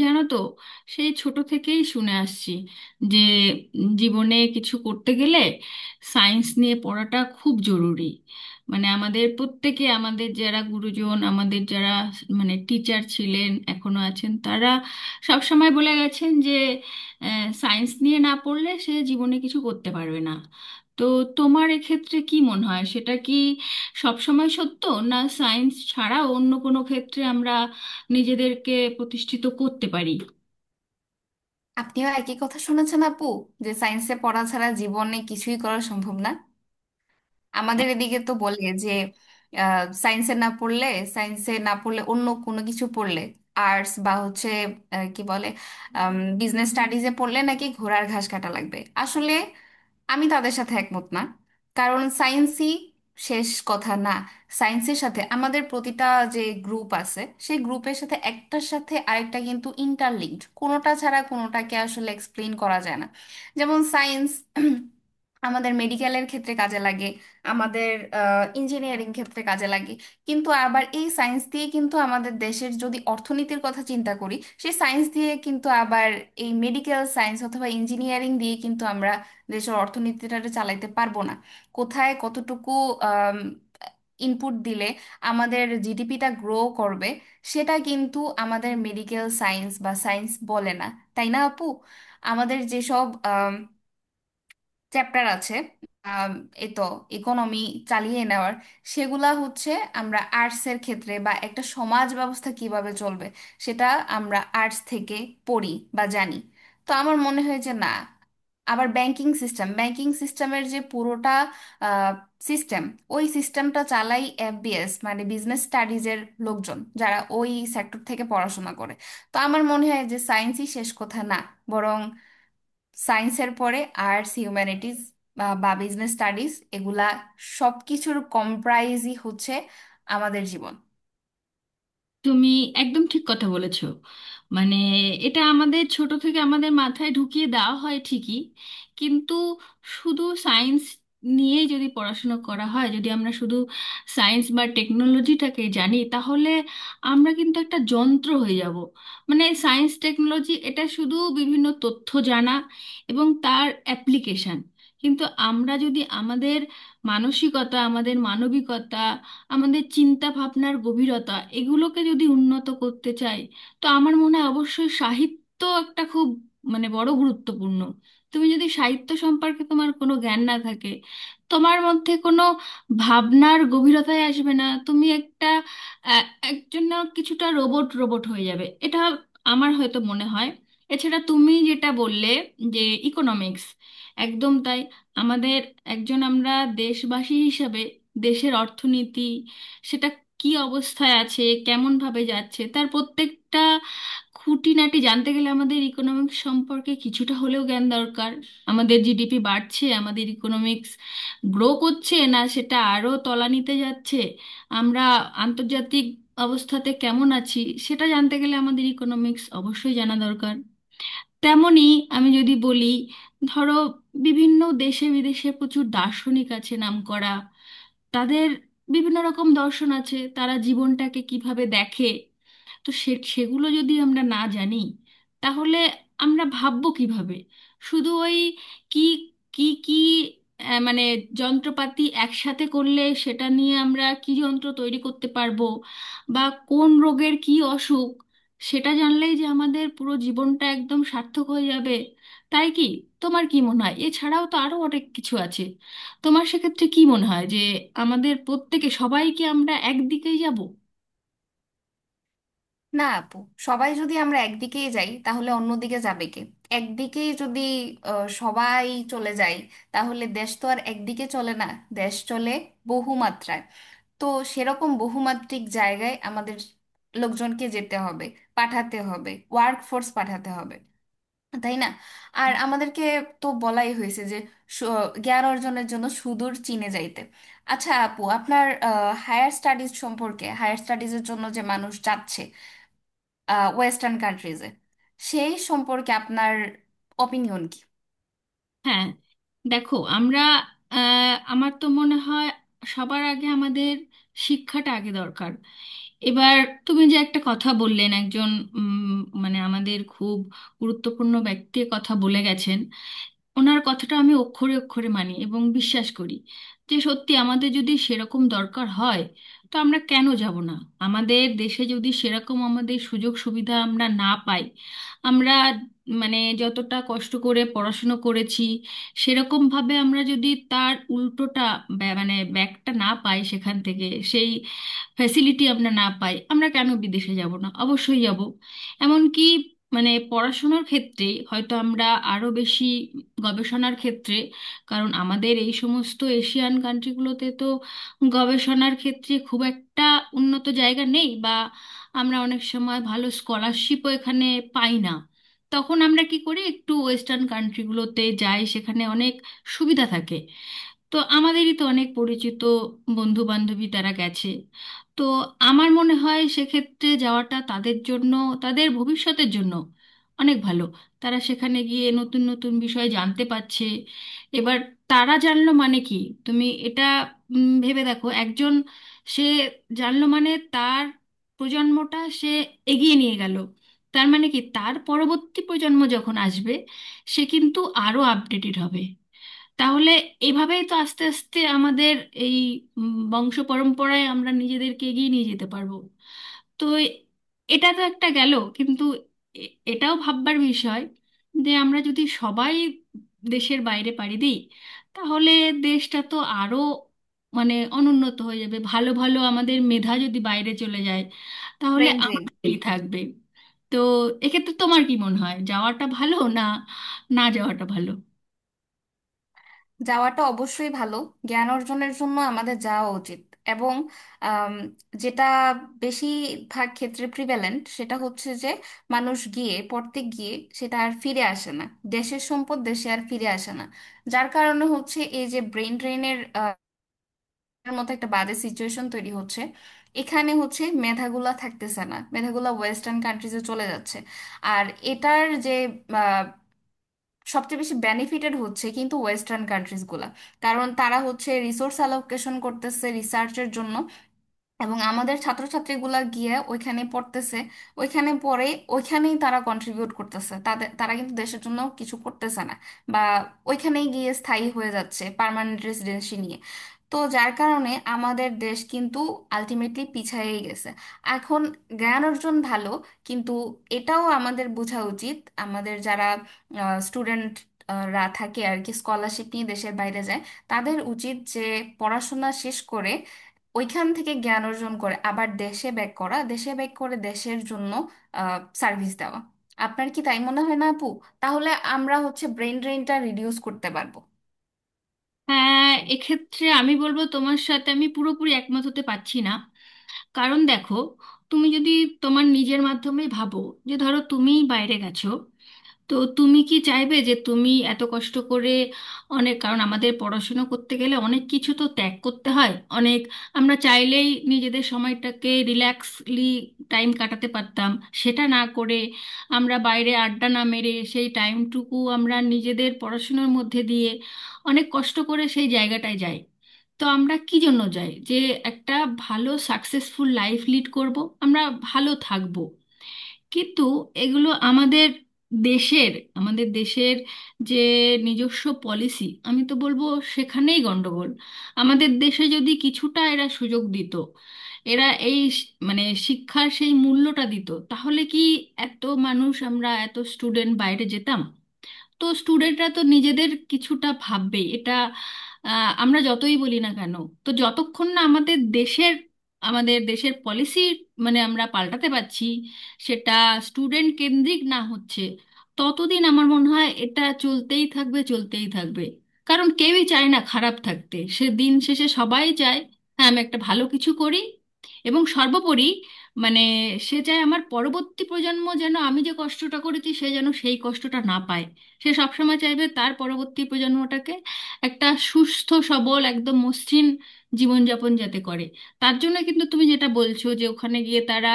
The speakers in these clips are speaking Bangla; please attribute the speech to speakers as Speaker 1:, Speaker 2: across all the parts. Speaker 1: জানো তো, সেই ছোট থেকেই শুনে আসছি যে জীবনে কিছু করতে গেলে সায়েন্স নিয়ে পড়াটা খুব জরুরি। মানে আমাদের প্রত্যেকে, আমাদের যারা গুরুজন, আমাদের যারা মানে টিচার ছিলেন এখনো আছেন, তারা সব সময় বলে গেছেন যে সায়েন্স নিয়ে না পড়লে সে জীবনে কিছু করতে পারবে না। তো তোমার এক্ষেত্রে কি মনে হয়, সেটা কি সব সময় সত্য? না সায়েন্স ছাড়া অন্য কোনো ক্ষেত্রে আমরা নিজেদেরকে প্রতিষ্ঠিত করতে পারি?
Speaker 2: আপনিও একই কথা শুনেছেন আপু? যে সায়েন্সে পড়া ছাড়া জীবনে কিছুই করা সম্ভব না? আমাদের এদিকে তো বলে যে সায়েন্সে না পড়লে, অন্য কোনো কিছু পড়লে, আর্টস বা হচ্ছে আহ, কি বলে বিজনেস স্টাডিজে পড়লে নাকি ঘোড়ার ঘাস কাটা লাগবে। আসলে আমি তাদের সাথে একমত না। কারণ সায়েন্সই শেষ কথা না। সায়েন্সের সাথে আমাদের প্রতিটা যে গ্রুপ আছে, সেই গ্রুপের সাথে একটার সাথে আরেকটা কিন্তু ইন্টারলিঙ্কড, কোনোটা ছাড়া কোনোটাকে আসলে এক্সপ্লেন করা যায় না। যেমন সায়েন্স আমাদের মেডিকেলের ক্ষেত্রে কাজে লাগে, আমাদের ইঞ্জিনিয়ারিং ক্ষেত্রে কাজে লাগে। কিন্তু আবার এই সায়েন্স দিয়ে, কিন্তু আমাদের দেশের যদি অর্থনীতির কথা চিন্তা করি, সেই সায়েন্স দিয়ে কিন্তু আবার, এই মেডিকেল সায়েন্স অথবা ইঞ্জিনিয়ারিং দিয়ে কিন্তু আমরা দেশের অর্থনীতিটা চালাইতে পারবো না। কোথায় কতটুকু ইনপুট দিলে আমাদের জিডিপিটা গ্রো করবে, সেটা কিন্তু আমাদের মেডিকেল সায়েন্স বা সায়েন্স বলে না। তাই না আপু? আমাদের যেসব চ্যাপ্টার আছে আম, এই তো ইকোনমি চালিয়ে নেওয়ার, সেগুলা হচ্ছে আমরা আর্টসের ক্ষেত্রে, বা একটা সমাজ ব্যবস্থা কিভাবে চলবে সেটা আমরা আর্টস থেকে পড়ি বা জানি। তো আমার মনে হয় যে না, আবার ব্যাংকিং সিস্টেম, ব্যাংকিং সিস্টেমের যে পুরোটা সিস্টেম, ওই সিস্টেমটা চালাই এফবিএস মানে বিজনেস স্টাডিজের লোকজন, যারা ওই সেক্টর থেকে পড়াশোনা করে। তো আমার মনে হয় যে সায়েন্সই শেষ কথা না, বরং সায়েন্সের পরে আর্টস, হিউম্যানিটিজ বা বিজনেস স্টাডিজ, এগুলা সবকিছুর কম্প্রাইজই হচ্ছে আমাদের জীবন।
Speaker 1: তুমি একদম ঠিক কথা বলেছো। মানে এটা আমাদের ছোট থেকে আমাদের মাথায় ঢুকিয়ে দেওয়া হয় ঠিকই, কিন্তু শুধু সায়েন্স নিয়ে যদি পড়াশোনা করা হয়, যদি আমরা শুধু সায়েন্স বা টেকনোলজিটাকে জানি, তাহলে আমরা কিন্তু একটা যন্ত্র হয়ে যাব। মানে সায়েন্স টেকনোলজি এটা শুধু বিভিন্ন তথ্য জানা এবং তার অ্যাপ্লিকেশন, কিন্তু আমরা যদি আমাদের মানসিকতা, আমাদের মানবিকতা, আমাদের চিন্তা ভাবনার গভীরতা এগুলোকে যদি উন্নত করতে চাই, তো আমার মনে হয় অবশ্যই সাহিত্য একটা খুব মানে বড় গুরুত্বপূর্ণ। তুমি যদি সাহিত্য সম্পর্কে তোমার কোনো জ্ঞান না থাকে, তোমার মধ্যে কোনো ভাবনার গভীরতায় আসবে না। তুমি একটা আহ, একজন না, কিছুটা রোবট রোবট হয়ে যাবে, এটা আমার হয়তো মনে হয়। এছাড়া তুমি যেটা বললে যে ইকোনমিক্স, একদম তাই। আমাদের একজন, আমরা দেশবাসী হিসাবে দেশের অর্থনীতি সেটা কি অবস্থায় আছে, কেমন ভাবে যাচ্ছে, তার প্রত্যেকটা খুঁটিনাটি জানতে গেলে আমাদের ইকোনমিক্স সম্পর্কে কিছুটা হলেও জ্ঞান দরকার। আমাদের জিডিপি বাড়ছে, আমাদের ইকোনমিক্স গ্রো করছে, না সেটা আরও তলানিতে যাচ্ছে, আমরা আন্তর্জাতিক অবস্থাতে কেমন আছি, সেটা জানতে গেলে আমাদের ইকোনমিক্স অবশ্যই জানা দরকার। তেমনি আমি যদি বলি, ধরো বিভিন্ন দেশে বিদেশে প্রচুর দার্শনিক আছে নামকরা, তাদের বিভিন্ন রকম দর্শন আছে, তারা জীবনটাকে কিভাবে দেখে, তো সে সেগুলো যদি আমরা না জানি, তাহলে আমরা ভাববো কিভাবে? শুধু ওই কি কি কি মানে যন্ত্রপাতি একসাথে করলে সেটা নিয়ে আমরা কি যন্ত্র তৈরি করতে পারবো, বা কোন রোগের কি অসুখ সেটা জানলেই যে আমাদের পুরো জীবনটা একদম সার্থক হয়ে যাবে, তাই কি? তোমার কি মনে হয়? এছাড়াও তো আরো অনেক কিছু আছে। তোমার সেক্ষেত্রে কি মনে হয় যে আমাদের প্রত্যেকে সবাই কি আমরা একদিকেই যাব?
Speaker 2: না আপু, সবাই যদি আমরা একদিকেই যাই তাহলে অন্যদিকে যাবে কে? একদিকেই যদি সবাই চলে যায়, তাহলে দেশ তো আর একদিকে চলে না। দেশ চলে বহুমাত্রায়। তো সেরকম বহুমাত্রিক জায়গায় আমাদের লোকজনকে যেতে হবে, পাঠাতে হবে, ওয়ার্ক ফোর্স পাঠাতে হবে, তাই না? আর আমাদেরকে তো বলাই হয়েছে যে সু- জ্ঞান অর্জনের জন্য সুদূর চীনে যাইতে। আচ্ছা আপু, আপনার হায়ার স্টাডিজ সম্পর্কে, হায়ার স্টাডিজের জন্য যে মানুষ যাচ্ছে ওয়েস্টার্ন কান্ট্রিজে, সেই সম্পর্কে আপনার অপিনিয়ন কি?
Speaker 1: হ্যাঁ, দেখো আমরা আমার তো মনে হয় সবার আগে আমাদের শিক্ষাটা আগে দরকার। এবার তুমি যে একটা কথা বললেন একজন উম, মানে আমাদের খুব গুরুত্বপূর্ণ ব্যক্তির কথা বলে গেছেন, ওনার কথাটা আমি অক্ষরে অক্ষরে মানি এবং বিশ্বাস করি যে সত্যি আমাদের যদি সেরকম দরকার হয়, তো আমরা কেন যাব না? আমাদের দেশে যদি সেরকম আমাদের সুযোগ সুবিধা আমরা না পাই, আমরা মানে যতটা কষ্ট করে পড়াশুনো করেছি সেরকমভাবে আমরা যদি তার উল্টোটা মানে ব্যাকটা না পাই সেখান থেকে, সেই ফ্যাসিলিটি আমরা না পাই, আমরা কেন বিদেশে যাব না, অবশ্যই যাব। এমনকি মানে পড়াশোনার ক্ষেত্রে হয়তো আমরা আরো বেশি গবেষণার ক্ষেত্রে, কারণ আমাদের এই সমস্ত এশিয়ান কান্ট্রিগুলোতে তো গবেষণার ক্ষেত্রে খুব একটা উন্নত জায়গা নেই, বা আমরা অনেক সময় ভালো স্কলারশিপও এখানে পাই না। তখন আমরা কি করি, একটু ওয়েস্টার্ন কান্ট্রিগুলোতে যাই, সেখানে অনেক সুবিধা থাকে। তো আমাদেরই তো অনেক পরিচিত বন্ধু বান্ধবী তারা গেছে। তো আমার মনে হয় সেক্ষেত্রে যাওয়াটা তাদের জন্য, তাদের ভবিষ্যতের জন্য অনেক ভালো। তারা সেখানে গিয়ে নতুন নতুন বিষয় জানতে পারছে। এবার তারা জানলো মানে কি, তুমি এটা ভেবে দেখো একজন সে জানলো মানে তার প্রজন্মটা সে এগিয়ে নিয়ে গেল। তার মানে কি, তার পরবর্তী প্রজন্ম যখন আসবে সে কিন্তু আরো আপডেটেড হবে। তাহলে এভাবেই তো আস্তে আস্তে আমাদের এই বংশ পরম্পরায় আমরা নিজেদেরকে এগিয়ে নিয়ে যেতে পারবো। তো এ- এটা তো একটা গেল, কিন্তু এটাও ভাববার বিষয় যে আমরা যদি সবাই দেশের বাইরে পাড়ি দিই, তাহলে দেশটা তো আরো মানে অনুন্নত হয়ে যাবে। ভালো ভালো আমাদের মেধা যদি বাইরে চলে যায়, তাহলে
Speaker 2: ব্রেন ড্রেন।
Speaker 1: আমাদেরই থাকবে। তো এক্ষেত্রে তোমার কি মনে হয়, যাওয়াটা ভালো না না যাওয়াটা ভালো?
Speaker 2: যাওয়াটা অবশ্যই ভালো, জ্ঞান অর্জনের জন্য আমাদের যাওয়া উচিত। এবং আম, যেটা বেশিরভাগ ক্ষেত্রে প্রিভ্যালেন্ট সেটা হচ্ছে যে মানুষ গিয়ে পড়তে গিয়ে সেটা আর ফিরে আসে না। দেশের সম্পদ দেশে আর ফিরে আসে না। যার কারণে হচ্ছে এই যে ব্রেন ড্রেনের মতো একটা বাজে সিচুয়েশন তৈরি হচ্ছে। এখানে হচ্ছে মেধাগুলা থাকতেছে না, মেধাগুলা ওয়েস্টার্ন কান্ট্রিজে চলে যাচ্ছে। আর এটার যে সবচেয়ে বেশি বেনিফিটেড হচ্ছে কিন্তু ওয়েস্টার্ন কান্ট্রিজ গুলা, কারণ তারা হচ্ছে রিসোর্স অ্যালোকেশন করতেছে রিসার্চের জন্য, এবং আমাদের ছাত্রছাত্রীগুলা গিয়ে ওইখানে পড়তেছে। ওইখানে পড়ে ওইখানেই তারা কন্ট্রিবিউট করতেছে, তাদের, তারা কিন্তু দেশের জন্য কিছু করতেছে না, বা ওইখানেই গিয়ে স্থায়ী হয়ে যাচ্ছে পার্মানেন্ট রেসিডেন্সি নিয়ে। তো যার কারণে আমাদের দেশ কিন্তু আলটিমেটলি পিছায়েই গেছে। এখন জ্ঞান অর্জন ভালো, কিন্তু এটাও আমাদের বোঝা উচিত, আমাদের যারা স্টুডেন্ট রা থাকে আর কি, স্কলারশিপ নিয়ে দেশের বাইরে যায়, তাদের উচিত যে পড়াশোনা শেষ করে ওইখান থেকে জ্ঞান অর্জন করে আবার দেশে ব্যাক করা, দেশে ব্যাক করে দেশের জন্য সার্ভিস দেওয়া। আপনার কি তাই মনে হয় না আপু? তাহলে আমরা হচ্ছে ব্রেন ড্রেনটা রিডিউস করতে পারবো।
Speaker 1: হ্যাঁ, এক্ষেত্রে আমি বলবো তোমার সাথে আমি পুরোপুরি একমত হতে পারছি না। কারণ দেখো, তুমি যদি তোমার নিজের মাধ্যমে ভাবো, যে ধরো তুমিই বাইরে গেছো, তো তুমি কি চাইবে যে তুমি এত কষ্ট করে, অনেক কারণ আমাদের পড়াশুনো করতে গেলে অনেক কিছু তো ত্যাগ করতে হয়, অনেক আমরা চাইলেই নিজেদের সময়টাকে রিল্যাক্সলি টাইম কাটাতে পারতাম, সেটা না করে আমরা বাইরে আড্ডা না মেরে সেই টাইমটুকু আমরা নিজেদের পড়াশুনোর মধ্যে দিয়ে অনেক কষ্ট করে সেই জায়গাটায় যাই। তো আমরা কি জন্য যাই, যে একটা ভালো সাকসেসফুল লাইফ লিড করব, আমরা ভালো থাকব। কিন্তু এগুলো আমাদের দেশের, আমাদের দেশের যে নিজস্ব পলিসি, আমি তো বলবো সেখানেই গন্ডগোল। আমাদের দেশে যদি কিছুটা এরা সুযোগ দিত, এরা মানে শিক্ষার সেই মূল্যটা দিত, তাহলে কি এত মানুষ আমরা, এত স্টুডেন্ট বাইরে যেতাম? তো স্টুডেন্টরা তো নিজেদের কিছুটা ভাববে, এটা আমরা যতই বলি না কেন। তো যতক্ষণ না আমাদের দেশের, আমাদের দেশের পলিসি মানে আমরা পাল্টাতে পারছি, সেটা স্টুডেন্ট কেন্দ্রিক না হচ্ছে, ততদিন আমার মনে হয় এটা চলতেই থাকবে, চলতেই থাকবে। কারণ কেউই চায় না খারাপ থাকতে, সে দিন শেষে সবাই চায় হ্যাঁ আমি একটা ভালো কিছু করি এবং সর্বোপরি মানে সে চায় আমার পরবর্তী প্রজন্ম যেন আমি যে কষ্টটা করেছি সে যেন সেই কষ্টটা না পায়। সে সবসময় চাইবে তার পরবর্তী প্রজন্মটাকে একটা সুস্থ সবল একদম মসৃণ জীবনযাপন যাতে করে। তার জন্য কিন্তু তুমি যেটা বলছো, যে ওখানে গিয়ে তারা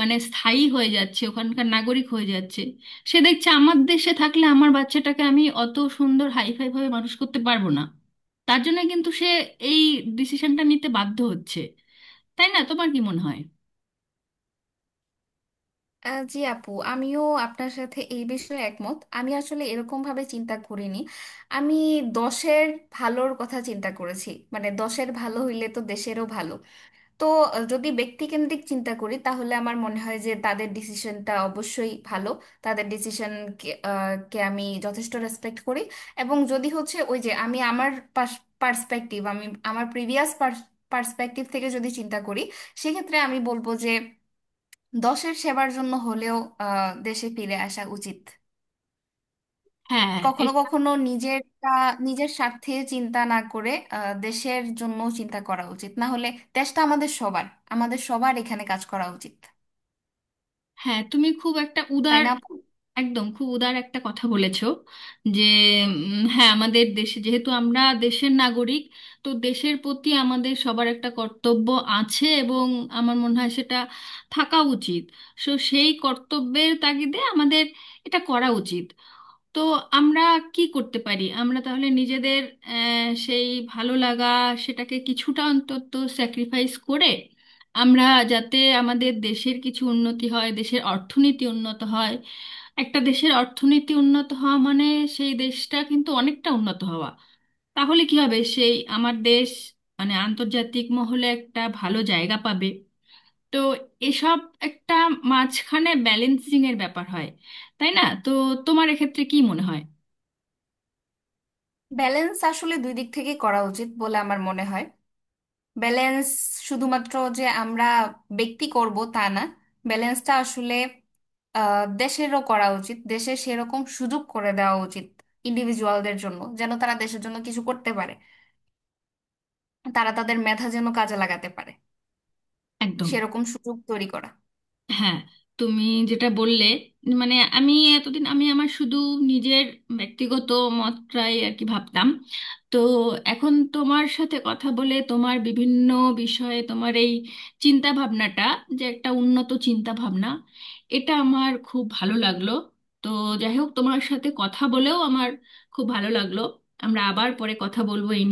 Speaker 1: মানে স্থায়ী হয়ে যাচ্ছে, ওখানকার নাগরিক হয়ে যাচ্ছে, সে দেখছে আমার দেশে থাকলে আমার বাচ্চাটাকে আমি অত সুন্দর হাইফাই ভাবে মানুষ করতে পারবো না, তার জন্য কিন্তু সে এই ডিসিশনটা নিতে বাধ্য হচ্ছে। তাই না, তোমার কি মনে হয়?
Speaker 2: জি আপু, আমিও আপনার সাথে এই বিষয়ে একমত। আমি আসলে এরকম ভাবে চিন্তা করিনি। আমি দশের ভালোর কথা চিন্তা করেছি, মানে দশের ভালো হইলে তো দেশেরও ভালো। তো যদি ব্যক্তিকেন্দ্রিক চিন্তা করি তাহলে আমার মনে হয় যে তাদের ডিসিশনটা অবশ্যই ভালো। তাদের ডিসিশন কে কে আমি যথেষ্ট রেসপেক্ট করি। এবং যদি হচ্ছে ওই যে আমি আমার পার্সপেক্টিভ, আমি আমার প্রিভিয়াস পার্সপেক্টিভ থেকে যদি চিন্তা করি, সেক্ষেত্রে আমি বলবো যে দশের সেবার জন্য হলেও দেশে ফিরে আসা উচিত।
Speaker 1: হ্যাঁ,
Speaker 2: কখনো
Speaker 1: এটা।
Speaker 2: কখনো নিজেরটা, নিজের স্বার্থে চিন্তা না করে দেশের জন্য চিন্তা করা উচিত, না হলে দেশটা আমাদের সবার, আমাদের সবার এখানে কাজ করা উচিত।
Speaker 1: হ্যাঁ, তুমি খুব একটা
Speaker 2: তাই
Speaker 1: উদার,
Speaker 2: না আপু?
Speaker 1: একদম খুব উদার একটা কথা বলেছো। যে হ্যাঁ আমাদের দেশে, যেহেতু আমরা দেশের নাগরিক, তো দেশের প্রতি আমাদের সবার একটা কর্তব্য আছে, এবং আমার মনে হয় সেটা থাকা উচিত। সো সেই কর্তব্যের তাগিদে আমাদের এটা করা উচিত। তো আমরা কি করতে পারি, আমরা তাহলে নিজেদের সেই ভালো লাগা সেটাকে কিছুটা অন্তত স্যাক্রিফাইস করে আমরা, যাতে আমাদের দেশের কিছু উন্নতি হয়, দেশের অর্থনীতি উন্নত হয়। একটা দেশের অর্থনীতি উন্নত হওয়া মানে সেই দেশটা কিন্তু অনেকটা উন্নত হওয়া। তাহলে কি হবে, সেই আমার দেশ মানে আন্তর্জাতিক মহলে একটা ভালো জায়গা পাবে। তো এসব একটা মাঝখানে ব্যালেন্সিং এর ব্যাপার হয়, তাই না? তো তোমার এক্ষেত্রে কি মনে হয়?
Speaker 2: ব্যালেন্স আসলে দুই দিক থেকে করা উচিত বলে আমার মনে হয়। ব্যালেন্স শুধুমাত্র যে আমরা ব্যক্তি করব তা না, ব্যালেন্সটা আসলে দেশেরও করা উচিত, দেশে সেরকম সুযোগ করে দেওয়া উচিত ইন্ডিভিজুয়ালদের জন্য যেন তারা দেশের জন্য কিছু করতে পারে, তারা তাদের মেধা যেন কাজে লাগাতে পারে,
Speaker 1: একদম।
Speaker 2: সেরকম সুযোগ তৈরি করা।
Speaker 1: হ্যাঁ, তুমি যেটা বললে, মানে আমি এতদিন আমি আমার শুধু নিজের ব্যক্তিগত মতটাই আর কি ভাবতাম। তো এখন তোমার সাথে কথা বলে, তোমার বিভিন্ন বিষয়ে তোমার এই চিন্তা ভাবনাটা যে একটা উন্নত চিন্তা ভাবনা, এটা আমার খুব ভালো লাগলো। তো যাই হোক, তোমার সাথে কথা বলেও আমার খুব ভালো লাগলো। আমরা আবার পরে কথা বলবো এই নিয়ে।